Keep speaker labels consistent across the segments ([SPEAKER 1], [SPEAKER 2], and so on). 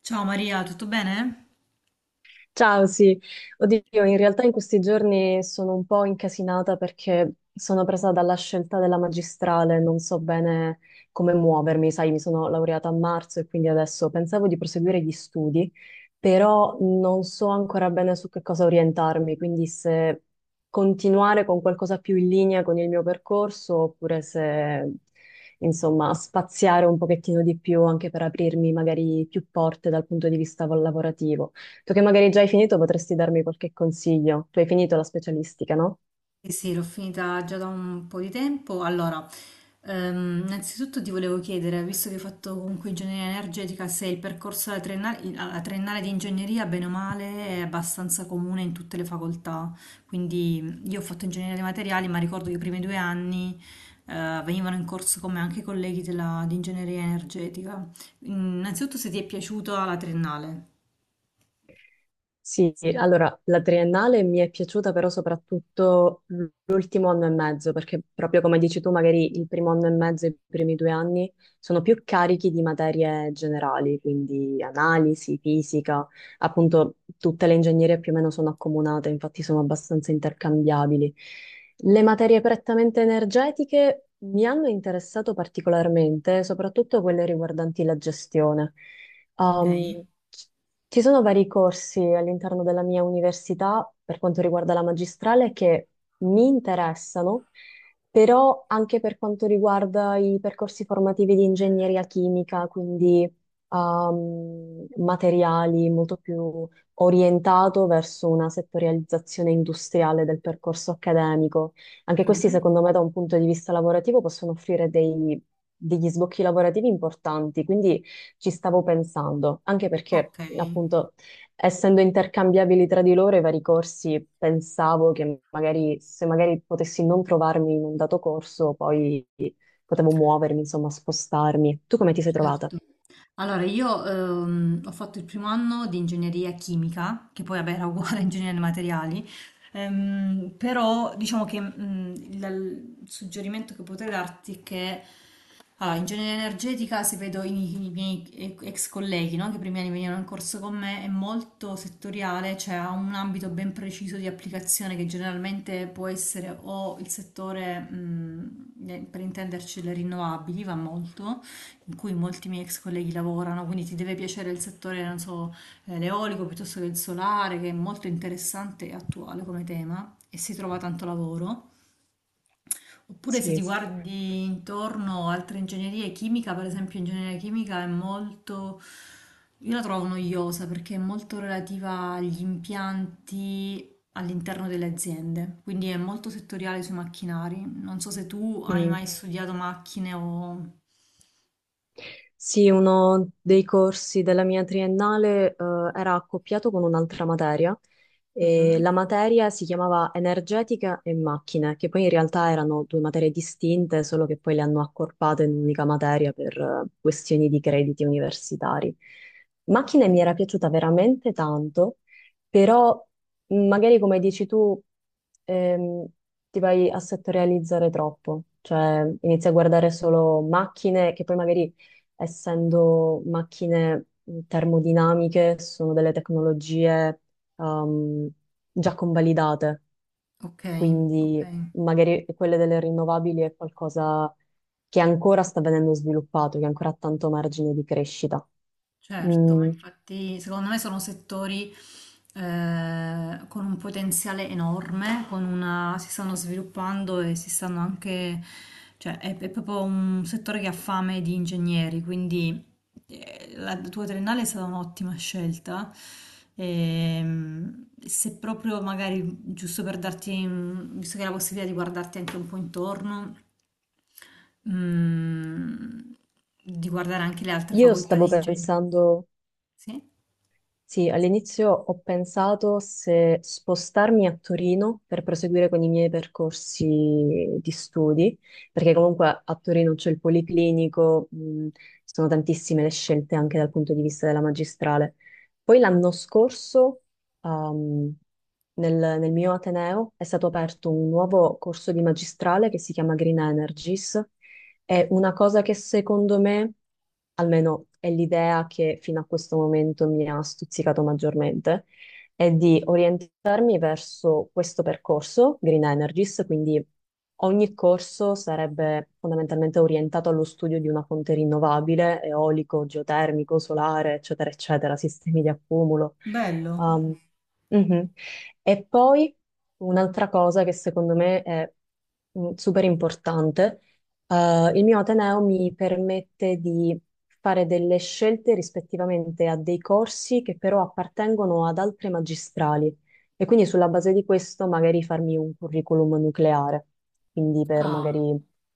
[SPEAKER 1] Ciao Maria, tutto bene?
[SPEAKER 2] Ciao, sì. Oddio, in realtà in questi giorni sono un po' incasinata perché sono presa dalla scelta della magistrale, non so bene come muovermi, sai, mi sono laureata a marzo e quindi adesso pensavo di proseguire gli studi, però non so ancora bene su che cosa orientarmi, quindi se continuare con qualcosa più in linea con il mio percorso oppure se, insomma, spaziare un pochettino di più anche per aprirmi magari più porte dal punto di vista lavorativo. Tu che magari già hai finito, potresti darmi qualche consiglio. Tu hai finito la specialistica, no?
[SPEAKER 1] Sì, sì, l'ho finita già da un po' di tempo. Allora, innanzitutto ti volevo chiedere, visto che hai fatto comunque ingegneria energetica, se il percorso alla triennale di ingegneria, bene o male, è abbastanza comune in tutte le facoltà. Quindi io ho fatto ingegneria dei materiali, ma ricordo che i primi 2 anni, venivano in corso con me anche i colleghi di ingegneria energetica. Innanzitutto se ti è piaciuta la triennale.
[SPEAKER 2] Sì, allora la triennale mi è piaciuta però soprattutto l'ultimo anno e mezzo, perché proprio come dici tu, magari il primo anno e mezzo e i primi due anni sono più carichi di materie generali, quindi analisi, fisica, appunto tutte le ingegnerie più o meno sono accomunate, infatti sono abbastanza intercambiabili. Le materie prettamente energetiche mi hanno interessato particolarmente, soprattutto quelle riguardanti la gestione.
[SPEAKER 1] Ok.
[SPEAKER 2] Um, Ci sono vari corsi all'interno della mia università per quanto riguarda la magistrale che mi interessano, però anche per quanto riguarda i percorsi formativi di ingegneria chimica, quindi materiali molto più orientato verso una settorializzazione industriale del percorso accademico. Anche questi,
[SPEAKER 1] Mhm.
[SPEAKER 2] secondo me, da un punto di vista lavorativo possono offrire degli sbocchi lavorativi importanti, quindi ci stavo pensando, anche perché
[SPEAKER 1] Ok,
[SPEAKER 2] appunto essendo intercambiabili tra di loro i vari corsi, pensavo che magari se magari potessi non trovarmi in un dato corso, poi potevo muovermi, insomma, spostarmi. Tu come ti sei trovata?
[SPEAKER 1] certo. Allora, io ho fatto il primo anno di ingegneria chimica, che poi vabbè, era uguale a ingegneria dei materiali, però diciamo che il suggerimento che potrei darti è che allora, ingegneria energetica, se vedo i miei ex colleghi, no, che i primi anni venivano in corso con me, è molto settoriale, cioè ha un ambito ben preciso di applicazione che generalmente può essere o il settore, per intenderci, le rinnovabili, va molto in cui molti miei ex colleghi lavorano, quindi ti deve piacere il settore, non so, l'eolico piuttosto che il solare, che è molto interessante e attuale come tema e si trova tanto lavoro. Oppure se ti
[SPEAKER 2] Sì,
[SPEAKER 1] guardi intorno altre ingegnerie, chimica, per esempio, ingegneria chimica è molto... Io la trovo noiosa perché è molto relativa agli impianti all'interno delle aziende, quindi è molto settoriale sui macchinari. Non so se tu hai
[SPEAKER 2] mm.
[SPEAKER 1] mai studiato macchine o...
[SPEAKER 2] Sì, uno dei corsi della mia triennale, era accoppiato con un'altra materia. E
[SPEAKER 1] Mhm.
[SPEAKER 2] la materia si chiamava energetica e macchine, che poi in realtà erano due materie distinte, solo che poi le hanno accorpate in un'unica materia per questioni di crediti universitari. Macchine mi
[SPEAKER 1] Ok.
[SPEAKER 2] era piaciuta veramente tanto, però magari come dici tu, ehm, ti vai a settorializzare troppo, cioè inizi a guardare solo macchine che poi magari essendo macchine termodinamiche sono delle tecnologie ehm, già convalidate,
[SPEAKER 1] Okay,
[SPEAKER 2] quindi
[SPEAKER 1] okay.
[SPEAKER 2] magari quelle delle rinnovabili è qualcosa che ancora sta venendo sviluppato, che ancora ha tanto margine di crescita.
[SPEAKER 1] Certo, ma
[SPEAKER 2] Mm,
[SPEAKER 1] infatti secondo me sono settori con un potenziale enorme, si stanno sviluppando e si stanno anche, cioè è proprio un settore che ha fame di ingegneri, quindi la tua triennale è stata un'ottima scelta. Se proprio magari, giusto per darti, visto che hai la possibilità di guardarti anche un po' intorno, mm, di guardare anche le altre
[SPEAKER 2] io
[SPEAKER 1] facoltà
[SPEAKER 2] stavo
[SPEAKER 1] di ingegneria.
[SPEAKER 2] pensando.
[SPEAKER 1] Sì?
[SPEAKER 2] Sì, all'inizio ho pensato se spostarmi a Torino per proseguire con i miei percorsi di studi, perché comunque a Torino c'è il Policlinico, sono tantissime le scelte anche dal punto di vista della magistrale. Poi l'anno scorso, ehm, nel, nel mio Ateneo è stato aperto un nuovo corso di magistrale che si chiama Green Energies. È una cosa che secondo me, almeno è l'idea che fino a questo momento mi ha stuzzicato maggiormente, è di orientarmi verso questo percorso, Green Energies, quindi ogni corso sarebbe fondamentalmente orientato allo studio di una fonte rinnovabile, eolico, geotermico, solare, eccetera, eccetera, sistemi di accumulo.
[SPEAKER 1] Bello.
[SPEAKER 2] Um, mhm. E poi un'altra cosa che secondo me è super importante il mio Ateneo mi permette di fare delle scelte rispettivamente a dei corsi che però appartengono ad altre magistrali e quindi sulla base di questo magari farmi un curriculum nucleare, quindi per magari
[SPEAKER 1] Ah,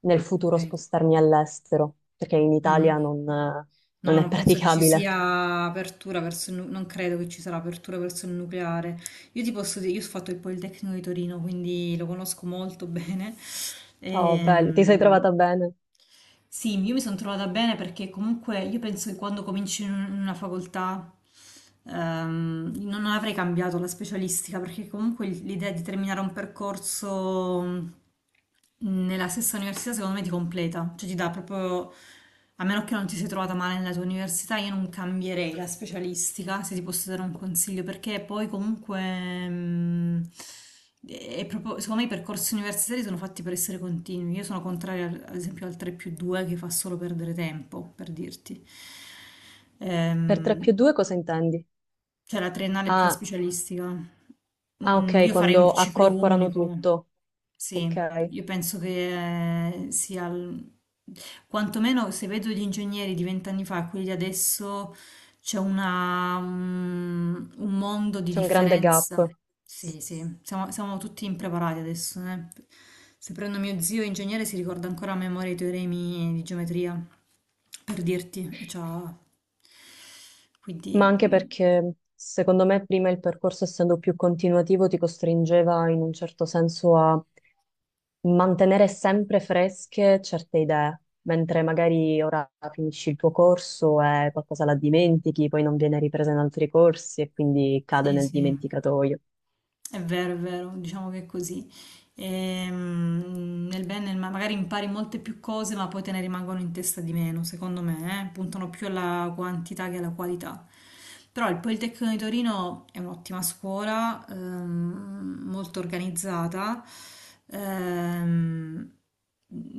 [SPEAKER 2] nel futuro
[SPEAKER 1] ok.
[SPEAKER 2] spostarmi all'estero, perché in
[SPEAKER 1] Mhm.
[SPEAKER 2] Italia non, eh,
[SPEAKER 1] No,
[SPEAKER 2] non è
[SPEAKER 1] non penso ci
[SPEAKER 2] praticabile.
[SPEAKER 1] sia apertura verso non credo che ci sarà apertura verso il nucleare. Io ti posso dire, io ho fatto il Politecnico di Torino, quindi lo conosco molto bene.
[SPEAKER 2] Oh, bello, ti sei
[SPEAKER 1] Ehm,
[SPEAKER 2] trovata bene.
[SPEAKER 1] Sì, io mi sono trovata bene perché comunque io penso che quando cominci in in una facoltà non avrei cambiato la specialistica perché comunque l'idea di terminare un percorso nella stessa università secondo me ti completa, cioè ti dà proprio, a meno che non ti sei trovata male nella tua università, io non cambierei la specialistica, se ti posso dare un consiglio, perché poi comunque, mm, è proprio, secondo me i percorsi universitari sono fatti per essere continui, io sono contraria ad esempio al 3 più 2 che fa solo perdere tempo, per dirti.
[SPEAKER 2] Per 3
[SPEAKER 1] Ehm,
[SPEAKER 2] più 2 cosa intendi?
[SPEAKER 1] cioè la triennale è più la
[SPEAKER 2] Ah,
[SPEAKER 1] specialistica.
[SPEAKER 2] ah,
[SPEAKER 1] Mm,
[SPEAKER 2] ok,
[SPEAKER 1] io farei un
[SPEAKER 2] quando
[SPEAKER 1] ciclo
[SPEAKER 2] accorporano
[SPEAKER 1] unico.
[SPEAKER 2] tutto. Ok,
[SPEAKER 1] Sì,
[SPEAKER 2] c'è
[SPEAKER 1] io penso che sia... Quantomeno se vedo gli ingegneri di vent'anni fa e quelli di adesso c'è un mondo di
[SPEAKER 2] un grande gap.
[SPEAKER 1] differenza. Sì, sì, siamo tutti impreparati adesso. Eh. Se prendo mio zio ingegnere si ricorda ancora a memoria i teoremi di geometria, per dirti, e c'ha... Quindi...
[SPEAKER 2] Ma anche
[SPEAKER 1] mm,
[SPEAKER 2] perché secondo me prima il percorso, essendo più continuativo, ti costringeva in un certo senso a mantenere sempre fresche certe idee, mentre magari ora finisci il tuo corso e qualcosa la dimentichi, poi non viene ripresa in altri corsi e quindi cade
[SPEAKER 1] Sì,
[SPEAKER 2] nel
[SPEAKER 1] sì,
[SPEAKER 2] dimenticatoio.
[SPEAKER 1] è vero, diciamo che è così. Nel bene, e nel male, magari impari molte più cose, ma poi te ne rimangono in testa di meno, secondo me, eh? Puntano più alla quantità che alla qualità. Però il Politecnico di Torino è un'ottima scuola, molto organizzata, ehm,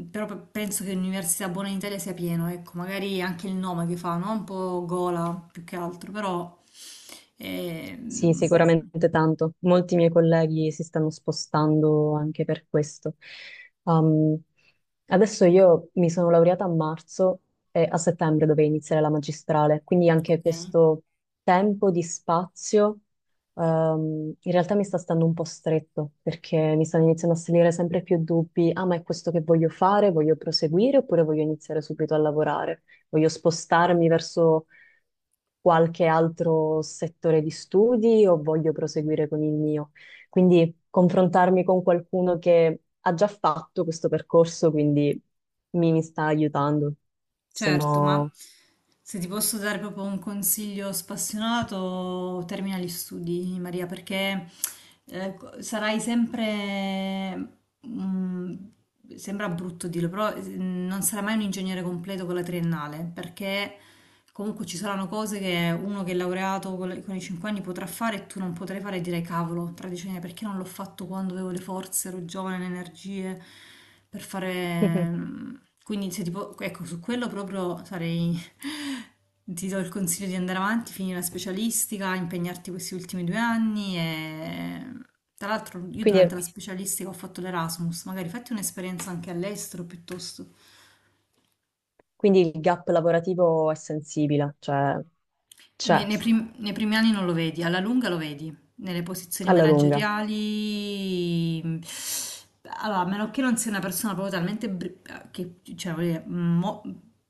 [SPEAKER 1] però penso che l'università buona in Italia sia pieno, ecco, magari anche il nome che fa, no? Un po' gola più che altro, però...
[SPEAKER 2] Sì,
[SPEAKER 1] ehm,
[SPEAKER 2] sicuramente tanto. Molti miei colleghi si stanno spostando anche per questo. Um, Adesso io mi sono laureata a marzo e a settembre dovevo iniziare la magistrale, quindi anche
[SPEAKER 1] Ok,
[SPEAKER 2] questo tempo di spazio, in realtà mi sta stando un po' stretto perché mi stanno iniziando a salire sempre più dubbi. Ah, ma è questo che voglio fare? Voglio proseguire oppure voglio iniziare subito a lavorare? Voglio spostarmi verso qualche altro settore di studi o voglio proseguire con il mio. Quindi confrontarmi con qualcuno che ha già fatto questo percorso, quindi mi sta aiutando.
[SPEAKER 1] certo, ma
[SPEAKER 2] Sono.
[SPEAKER 1] se ti posso dare proprio un consiglio spassionato, termina gli studi, Maria, perché sarai sempre, mm, sembra brutto dirlo, però non sarai mai un ingegnere completo con la triennale, perché comunque ci saranno cose che uno che è laureato con i 5 anni potrà fare e tu non potrai fare e direi cavolo, tra 10 anni perché non l'ho fatto quando avevo le forze, ero giovane, le energie per fare... Quindi se tipo, ecco, su quello proprio sarei... Ti do il consiglio di andare avanti, finire la specialistica, impegnarti questi ultimi 2 anni e... Tra l'altro io durante
[SPEAKER 2] Quindi,
[SPEAKER 1] la specialistica ho fatto l'Erasmus, magari fatti un'esperienza anche all'estero piuttosto.
[SPEAKER 2] quindi il gap lavorativo è sensibile, cioè
[SPEAKER 1] Nei,
[SPEAKER 2] c'è
[SPEAKER 1] nei prim- nei primi anni non lo vedi, alla lunga lo vedi, nelle posizioni
[SPEAKER 2] alla lunga.
[SPEAKER 1] manageriali. Allora, a meno che non sia una persona proprio talmente... che, cioè, voglio dire,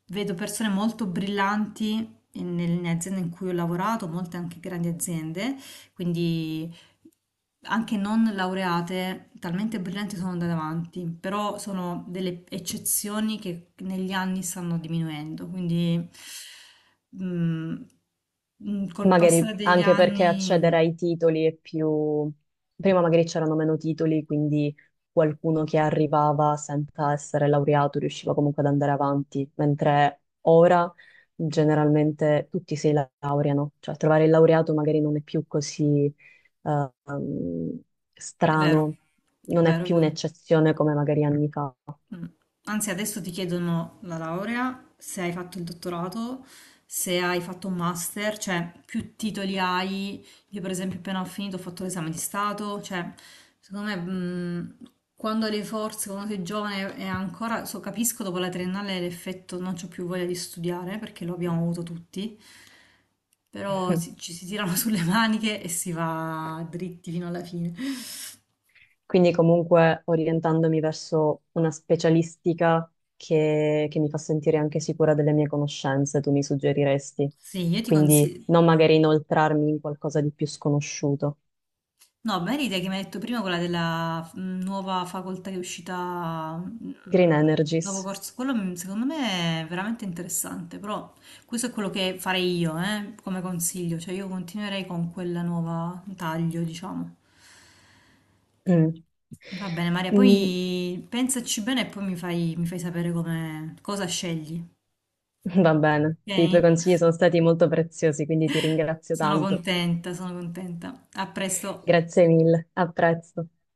[SPEAKER 1] vedo persone molto brillanti nelle aziende in cui ho lavorato, molte anche grandi aziende, quindi anche non laureate, talmente brillanti sono andate avanti, però sono delle eccezioni che negli anni stanno diminuendo, quindi mm, col
[SPEAKER 2] Magari
[SPEAKER 1] passare degli
[SPEAKER 2] anche perché
[SPEAKER 1] anni
[SPEAKER 2] accedere ai titoli è più. Prima magari c'erano meno titoli, quindi qualcuno che arrivava senza essere laureato riusciva comunque ad andare avanti, mentre ora generalmente tutti si laureano, cioè trovare il laureato magari non è più così eh, um,
[SPEAKER 1] è
[SPEAKER 2] strano,
[SPEAKER 1] vero, è
[SPEAKER 2] non è
[SPEAKER 1] vero, è
[SPEAKER 2] più
[SPEAKER 1] vero.
[SPEAKER 2] un'eccezione come magari anni fa.
[SPEAKER 1] Mm. Anzi, adesso ti chiedono la laurea, se hai fatto il dottorato, se hai fatto un master, cioè più titoli hai. Io, per esempio, appena ho finito, ho fatto l'esame di Stato, cioè, secondo me, quando hai le forze, quando sei giovane e ancora, so, capisco dopo la triennale l'effetto non c'ho più voglia di studiare, perché lo abbiamo avuto tutti, però ci si tirano sulle maniche e si va dritti fino alla fine.
[SPEAKER 2] Quindi comunque orientandomi verso una specialistica che mi fa sentire anche sicura delle mie conoscenze, tu mi suggeriresti.
[SPEAKER 1] Sì, io ti
[SPEAKER 2] Quindi
[SPEAKER 1] consiglio.
[SPEAKER 2] non magari inoltrarmi in qualcosa di più sconosciuto.
[SPEAKER 1] No, bella idea che mi hai detto prima, quella della nuova facoltà che è uscita,
[SPEAKER 2] Green
[SPEAKER 1] nuovo
[SPEAKER 2] Energies.
[SPEAKER 1] corso, quello secondo me è veramente interessante, però questo è quello che farei io, come consiglio, cioè io continuerei con quella nuova taglio, diciamo.
[SPEAKER 2] Mm.
[SPEAKER 1] Va bene, Maria,
[SPEAKER 2] Mm,
[SPEAKER 1] poi pensaci bene e poi mi fai sapere come, cosa scegli,
[SPEAKER 2] Va bene, i tuoi
[SPEAKER 1] ok?
[SPEAKER 2] consigli sono stati molto preziosi, quindi ti ringrazio
[SPEAKER 1] Sono
[SPEAKER 2] tanto.
[SPEAKER 1] contenta, sono contenta. A presto.
[SPEAKER 2] Grazie mille, a presto.